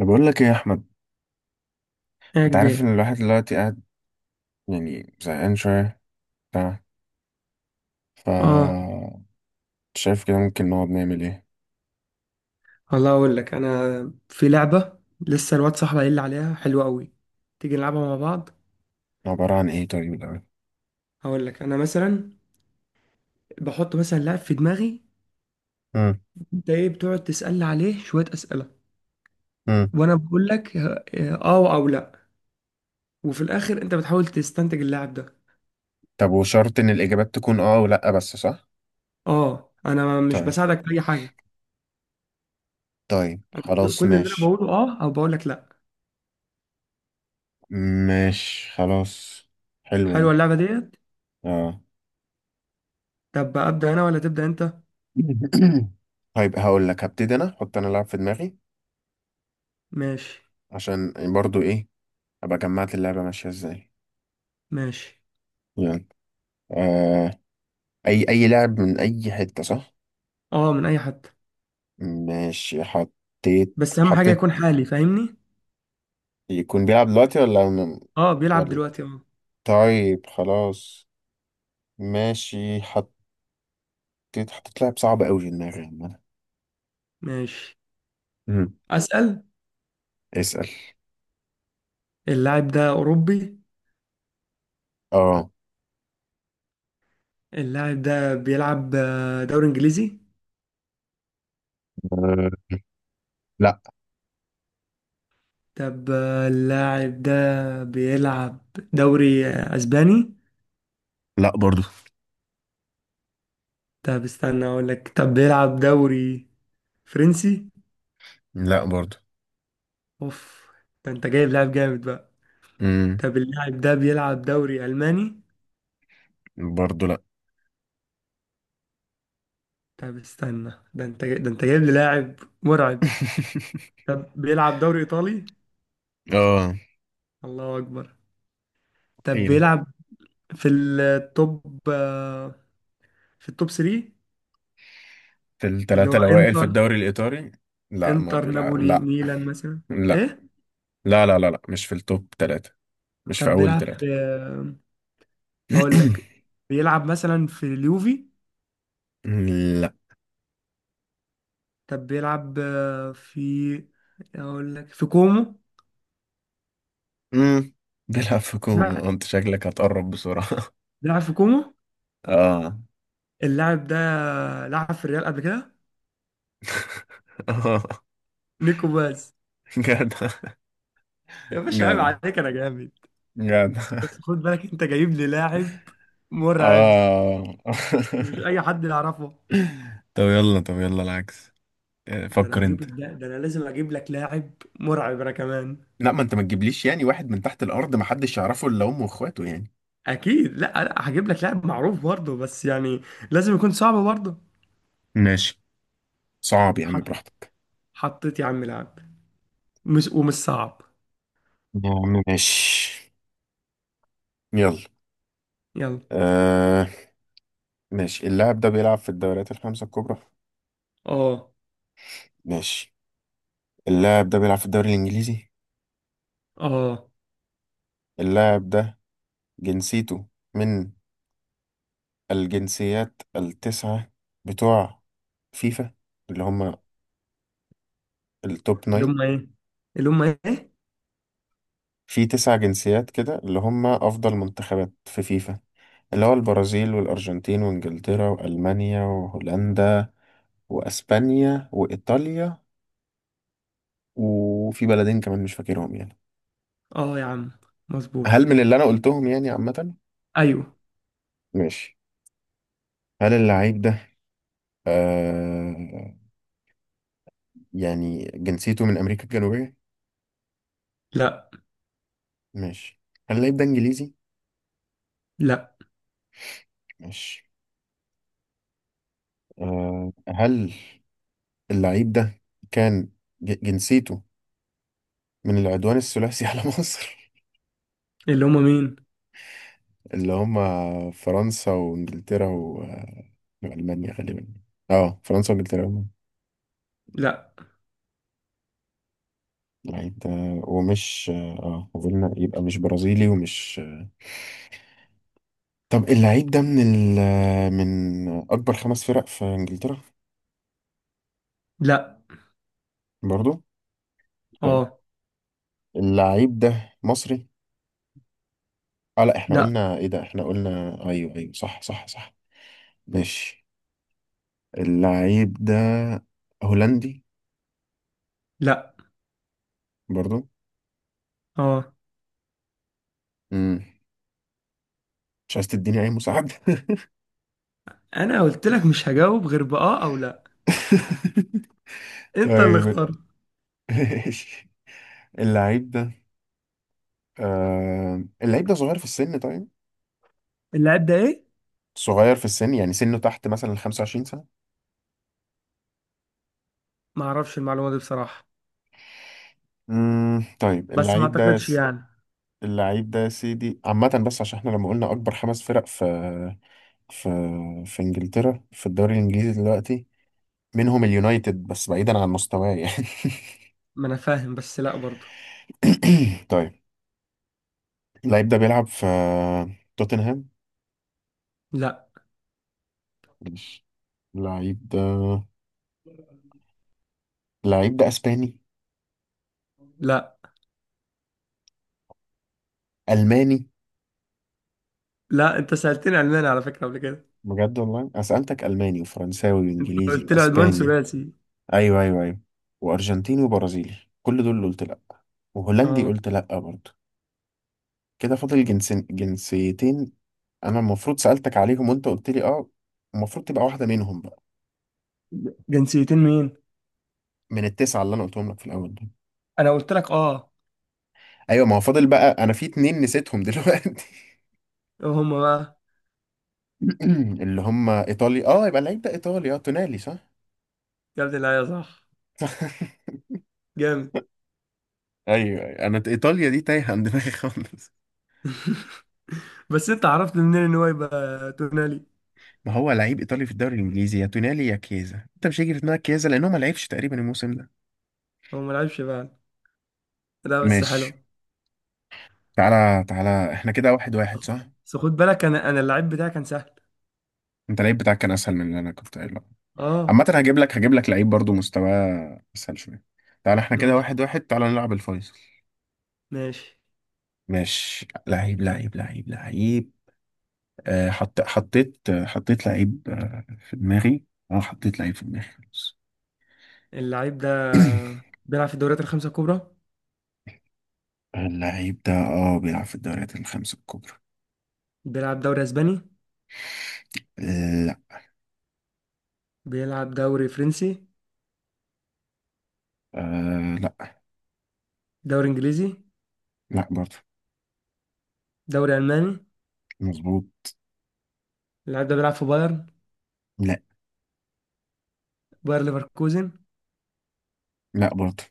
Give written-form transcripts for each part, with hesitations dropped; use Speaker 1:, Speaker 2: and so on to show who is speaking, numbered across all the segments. Speaker 1: انا بقول لك ايه يا احمد،
Speaker 2: يا
Speaker 1: انت عارف ان
Speaker 2: كبير.
Speaker 1: الواحد دلوقتي قاعد يعني زهقان شويه بتاع ف
Speaker 2: اه.
Speaker 1: شايف كده ممكن نقعد نعمل ايه؟
Speaker 2: والله اقول لك انا في لعبه لسه الواد صاحبي قايل لي عليها حلوه قوي. تيجي نلعبها مع بعض؟
Speaker 1: عباره عن ايه طيب الاول؟
Speaker 2: هقول لك انا مثلا بحط مثلا لاعب في دماغي.
Speaker 1: امم
Speaker 2: انت ايه بتقعد تسالني عليه شويه اسئله.
Speaker 1: امم
Speaker 2: وانا بقول لك اه او لا. وفي الاخر انت بتحاول تستنتج اللاعب ده.
Speaker 1: طب وشرط ان الاجابات تكون اه ولا بس صح؟
Speaker 2: اه، انا مش
Speaker 1: طيب،
Speaker 2: بساعدك في اي حاجه.
Speaker 1: طيب، خلاص
Speaker 2: كل اللي انا
Speaker 1: ماشي.
Speaker 2: بقوله اه او بقول لك لا.
Speaker 1: ماشي خلاص. حلوه
Speaker 2: حلوه
Speaker 1: دي.
Speaker 2: اللعبه ديت.
Speaker 1: اه.
Speaker 2: طب ابدا انا ولا تبدا انت؟
Speaker 1: طيب هقول لك، هبتدي انا احط انا لعب في دماغي،
Speaker 2: ماشي.
Speaker 1: عشان برضو ايه ابقى جمعت اللعبه ماشيه ازاي.
Speaker 2: ماشي.
Speaker 1: يلا. آه. اي لعب من اي حته صح.
Speaker 2: اه، من اي حد.
Speaker 1: ماشي حطيت
Speaker 2: بس اهم حاجه
Speaker 1: حطيت
Speaker 2: يكون حالي فاهمني.
Speaker 1: يكون بيلعب دلوقتي ولا
Speaker 2: اه بيلعب
Speaker 1: ولا؟
Speaker 2: دلوقتي اه.
Speaker 1: طيب خلاص ماشي حطيت. حطيت لاعب صعب قوي في دماغي عامة.
Speaker 2: ماشي.
Speaker 1: امم
Speaker 2: اسأل.
Speaker 1: اسأل.
Speaker 2: اللاعب ده اوروبي؟
Speaker 1: اه.
Speaker 2: اللاعب ده بيلعب دوري انجليزي؟
Speaker 1: آه. لا.
Speaker 2: طب اللاعب ده بيلعب دوري اسباني؟
Speaker 1: لا برضو.
Speaker 2: طب استنى اقول لك، طب بيلعب دوري فرنسي؟
Speaker 1: لا برضو.
Speaker 2: اوف، ده انت جايب لاعب جامد بقى.
Speaker 1: امم
Speaker 2: طب اللاعب ده بيلعب دوري الماني؟
Speaker 1: برضو لا.
Speaker 2: طب استنى، ده انت جايب لي لاعب مرعب. طب بيلعب دوري ايطالي؟
Speaker 1: اه.
Speaker 2: الله اكبر. طب
Speaker 1: حيرة.
Speaker 2: بيلعب في التوب في التوب 3.
Speaker 1: في
Speaker 2: اللي
Speaker 1: التلاتة
Speaker 2: هو
Speaker 1: الأوائل في
Speaker 2: انتر.
Speaker 1: الدوري الإيطالي. لا ما
Speaker 2: انتر
Speaker 1: بيلعب،
Speaker 2: نابولي
Speaker 1: لا
Speaker 2: ميلان مثلا.
Speaker 1: لا
Speaker 2: ايه؟
Speaker 1: لا لا لا لا، مش في التوب تلاتة. مش في
Speaker 2: طب
Speaker 1: أول
Speaker 2: بيلعب
Speaker 1: تلاتة.
Speaker 2: في هقول لك بيلعب مثلا في اليوفي؟
Speaker 1: لا.
Speaker 2: طب بيلعب آه، في هقول لك في كومو.
Speaker 1: امم بيلعب في كوما،
Speaker 2: لا،
Speaker 1: انت شكلك هتقرب بسرعة.
Speaker 2: بيلعب في كومو.
Speaker 1: اه.
Speaker 2: اللاعب ده لعب في الريال قبل كده.
Speaker 1: اه.
Speaker 2: نيكو باز.
Speaker 1: جدع.
Speaker 2: يا باشا عيب
Speaker 1: جدع.
Speaker 2: عليك انا جامد.
Speaker 1: جدع.
Speaker 2: بس خد بالك انت جايب لي لاعب مرعب،
Speaker 1: اه.
Speaker 2: مش اي حد يعرفه.
Speaker 1: طب يلا، طب يلا العكس. آه، فكر انت.
Speaker 2: ده انا لازم اجيب لك لاعب مرعب انا كمان.
Speaker 1: لا، ما انت ما تجيبليش يعني واحد من تحت الارض ما حدش يعرفه الا امه واخواته يعني.
Speaker 2: اكيد، لا لا، هجيب لك لاعب معروف برضه، بس يعني لازم يكون صعب برضه.
Speaker 1: ماشي. صعب يا عم
Speaker 2: حط
Speaker 1: براحتك.
Speaker 2: حطيت يا عم لاعب مش ومش صعب.
Speaker 1: يا عم ماشي. يلا.
Speaker 2: يلا.
Speaker 1: آه. ماشي، اللاعب ده بيلعب في الدوريات الخمسة الكبرى.
Speaker 2: اه.
Speaker 1: ماشي. اللاعب ده بيلعب في الدوري الإنجليزي.
Speaker 2: اه.
Speaker 1: اللاعب ده جنسيته من الجنسيات التسعة بتوع فيفا، اللي هم التوب
Speaker 2: اللي
Speaker 1: ناين.
Speaker 2: هم ايه؟ اللي هم ايه؟
Speaker 1: في تسع جنسيات كده اللي هم أفضل منتخبات في فيفا، اللي هو البرازيل والأرجنتين وإنجلترا وألمانيا وهولندا وأسبانيا وإيطاليا، وفي بلدين كمان مش فاكرهم يعني.
Speaker 2: اه يا عم مظبوط.
Speaker 1: هل من اللي أنا قلتهم يعني عامة؟
Speaker 2: ايوه.
Speaker 1: ماشي. هل اللعيب ده آه يعني جنسيته من أمريكا الجنوبية؟
Speaker 2: لا،
Speaker 1: ماشي. هل اللعيب ده إنجليزي؟
Speaker 2: لا.
Speaker 1: ماشي. آه، هل اللعيب ده كان جنسيته من العدوان الثلاثي على مصر؟
Speaker 2: اللي هم مين؟
Speaker 1: اللي هم فرنسا وانجلترا والمانيا غالبا. اه فرنسا وانجلترا والمانيا.
Speaker 2: لا.
Speaker 1: اللعيب ده ومش، اه قلنا يبقى مش برازيلي ومش آه. طب اللعيب ده من ال... من اكبر خمس فرق في انجلترا؟
Speaker 2: لا.
Speaker 1: برضو؟ طيب.
Speaker 2: اه.
Speaker 1: اللعيب ده مصري؟ اه لا احنا
Speaker 2: لا.
Speaker 1: قلنا ايه ده، احنا قلنا ايوه ايوه صح صح صح. ماشي. اللعيب ده هولندي؟
Speaker 2: لا.
Speaker 1: برضو.
Speaker 2: اه،
Speaker 1: مم. مش عايز تديني اي مساعدة.
Speaker 2: انا قلت لك مش هجاوب غير باه او لا. انت اللي
Speaker 1: طيب.
Speaker 2: اخترت.
Speaker 1: ماشي. اللعيب ده آه... اللعيب ده صغير في السن طيب؟
Speaker 2: اللاعب ده ايه؟
Speaker 1: صغير في السن يعني سنه تحت مثلا ال 25 سنة.
Speaker 2: ما اعرفش المعلومه دي بصراحه.
Speaker 1: مم. طيب
Speaker 2: بس ما
Speaker 1: اللعيب ده يا
Speaker 2: اعتقدش
Speaker 1: س...
Speaker 2: يعني.
Speaker 1: اللعيب ده يا سيدي عامة، بس عشان احنا لما قلنا أكبر خمس فرق في، في، في إنجلترا في الدوري الإنجليزي دلوقتي منهم اليونايتد، بس بعيدا عن مستواه يعني.
Speaker 2: ما انا فاهم بس لا برضه.
Speaker 1: طيب. اللعيب ده بيلعب في توتنهام؟
Speaker 2: لا.
Speaker 1: ماشي. اللعيب ده، اللعيب ده اسباني؟
Speaker 2: لا،
Speaker 1: الماني؟
Speaker 2: لا، انت سألتني علمان على فكرة قبل كده.
Speaker 1: بجد والله انا سالتك الماني وفرنساوي وانجليزي
Speaker 2: قلت لي عدوان
Speaker 1: واسباني،
Speaker 2: ثلاثي.
Speaker 1: ايوه ايوه ايوه، وارجنتيني وبرازيلي كل دول قلت لا، وهولندي
Speaker 2: اه.
Speaker 1: قلت لا برضه. كده فاضل جنسين، جنسيتين انا المفروض سالتك عليهم وانت قلت لي اه، المفروض تبقى واحده منهم بقى.
Speaker 2: جنسيتين مين؟
Speaker 1: من التسعه اللي انا قلتهم لك في الاول دول.
Speaker 2: انا قلت لك اه.
Speaker 1: ايوه ما هو فاضل بقى انا في اتنين نسيتهم دلوقتي.
Speaker 2: هما بقى؟
Speaker 1: اللي هم ايطاليا. اه يبقى اللعيب ده ايطالي، اه تونالي صح؟
Speaker 2: يا ابن اللعيبة صح. جامد.
Speaker 1: ايوه أيوة. انا ايطاليا دي تايهه عن دماغي خالص.
Speaker 2: بس انت عرفت منين ان هو يبقى تونالي؟
Speaker 1: ما هو لعيب ايطالي في الدوري الانجليزي، يا تونالي يا كيزا، انت مش هيجي في دماغك كيزا لانه ما لعبش تقريبا الموسم ده.
Speaker 2: هو ما لعبش بقى؟ لا بس حلو.
Speaker 1: ماشي. تعالى تعالى احنا كده واحد واحد صح.
Speaker 2: بس خد بالك انا اللعيب بتاعي كان سهل.
Speaker 1: انت اللعيب بتاعك كان اسهل من اللي انا كنت قايله.
Speaker 2: اه.
Speaker 1: عامه هجيب لك، هجيب لك لعيب برضو مستواه اسهل شويه. تعالى احنا كده
Speaker 2: ماشي.
Speaker 1: واحد واحد، تعالى نلعب الفيصل.
Speaker 2: ماشي.
Speaker 1: ماشي. لعيب لعيب لعيب لعيب. آه، حطيت حطيت لعيب آه، في دماغي. اه حطيت لعيب في دماغي خلاص.
Speaker 2: اللعيب ده بيلعب في الدوريات الخمسة الكبرى.
Speaker 1: اللعيب ده اه بيلعب في الدوريات الخمسة الكبرى.
Speaker 2: بيلعب دوري اسباني؟
Speaker 1: لا.
Speaker 2: بيلعب دوري فرنسي؟
Speaker 1: آه لا.
Speaker 2: دوري انجليزي؟
Speaker 1: لا برضه.
Speaker 2: دوري الماني؟
Speaker 1: مظبوط.
Speaker 2: اللعيب ده بيلعب في بايرن؟
Speaker 1: لا.
Speaker 2: باير ليفركوزن؟
Speaker 1: لا برضه.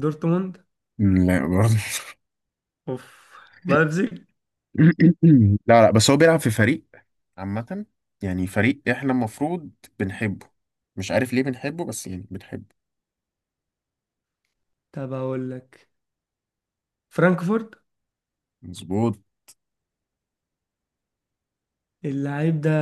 Speaker 2: دورتموند؟
Speaker 1: لا برضه.
Speaker 2: اوف. لايبزيج؟
Speaker 1: لا لا، بس هو بيلعب في فريق عامة، يعني فريق احنا المفروض بنحبه، مش عارف ليه بنحبه بس يعني بنحبه.
Speaker 2: طب اقول لك، فرانكفورت؟
Speaker 1: مظبوط.
Speaker 2: اللعيب ده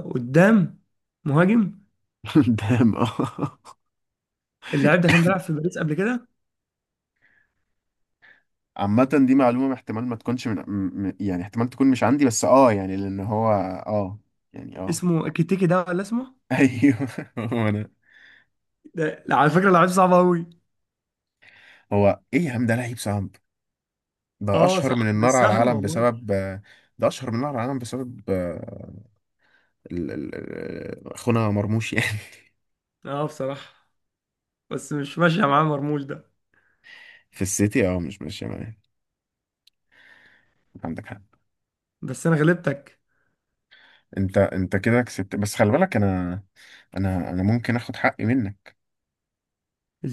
Speaker 2: قدام؟ مهاجم؟
Speaker 1: قدام اه.
Speaker 2: اللعيب ده كان بيلعب في باريس قبل كده؟
Speaker 1: عامة دي معلومة احتمال ما تكونش من يعني احتمال تكون مش عندي، بس اه يعني لأن هو اه يعني اه.
Speaker 2: اسمه كيتيكي ده ولا اسمه؟
Speaker 1: ايوه. هو انا
Speaker 2: ده لا، على فكرة لعيب صعب قوي.
Speaker 1: هو ايه يا عم ده لعيب صعب؟ ده
Speaker 2: اه
Speaker 1: اشهر
Speaker 2: صعب
Speaker 1: من
Speaker 2: مش
Speaker 1: النار على
Speaker 2: سهل
Speaker 1: العالم
Speaker 2: والله.
Speaker 1: بسبب، ده اشهر من النار على العالم بسبب آه، اخونا مرموش يعني.
Speaker 2: اه بصراحة، بس مش ماشية معاه مرموش ده.
Speaker 1: في السيتي اه مش ماشية معايا، عندك حق.
Speaker 2: بس انا غلبتك.
Speaker 1: انت انت كده كسبت، بس خلي بالك انا، انا ممكن اخد حقي منك.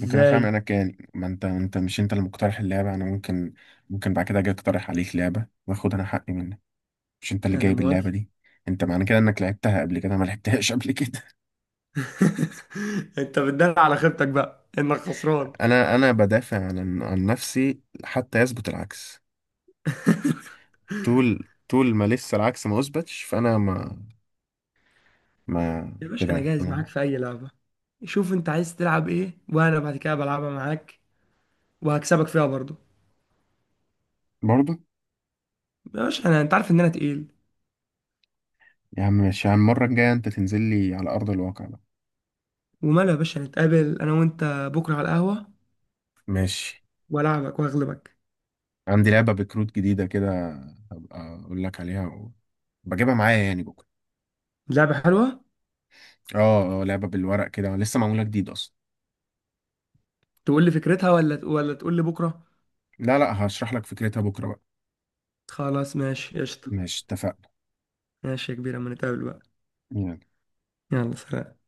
Speaker 1: ممكن اخمن انا كان، ما انت، انت مش انت اللي مقترح اللعبه، انا ممكن، ممكن بعد كده اجي اقترح عليك لعبه واخد انا حقي منك. مش انت اللي
Speaker 2: انا
Speaker 1: جايب اللعبه
Speaker 2: موافق.
Speaker 1: دي؟ انت معنى كده انك لعبتها قبل كده، أنا ما لعبتهاش قبل كده.
Speaker 2: انت بتدل على خيبتك بقى انك خسران.
Speaker 1: انا بدافع عن نفسي حتى يثبت العكس. طول ما لسه العكس ما اثبتش فانا ما، ما،
Speaker 2: يا باشا انا
Speaker 1: كده
Speaker 2: جاهز
Speaker 1: انا
Speaker 2: معاك في اي لعبة. شوف انت عايز تلعب ايه، وانا بعد كده بلعبها معاك، وهكسبك فيها برضو.
Speaker 1: برضه.
Speaker 2: يا باشا، انا انت عارف ان انا تقيل.
Speaker 1: يا عم ماشي يا عم، المره الجايه انت تنزل لي على ارض الواقع بقى.
Speaker 2: وماله يا باشا، نتقابل انا وانت بكره على القهوه،
Speaker 1: ماشي.
Speaker 2: والعبك واغلبك.
Speaker 1: عندي لعبه بكروت جديده كده، هبقى اقول لك عليها و... بجيبها معايا يعني بكره.
Speaker 2: لعبه حلوه.
Speaker 1: اه آه، لعبة بالورق كده لسه معمولة جديد اصلا.
Speaker 2: تقول لي فكرتها ولا تقول لي بكره؟
Speaker 1: لا لا هشرح لك فكرتها بكرة بقى.
Speaker 2: خلاص ماشي قشطه.
Speaker 1: ماشي اتفقنا.
Speaker 2: ماشي يا كبير، اما نتقابل بقى. يلا سلام.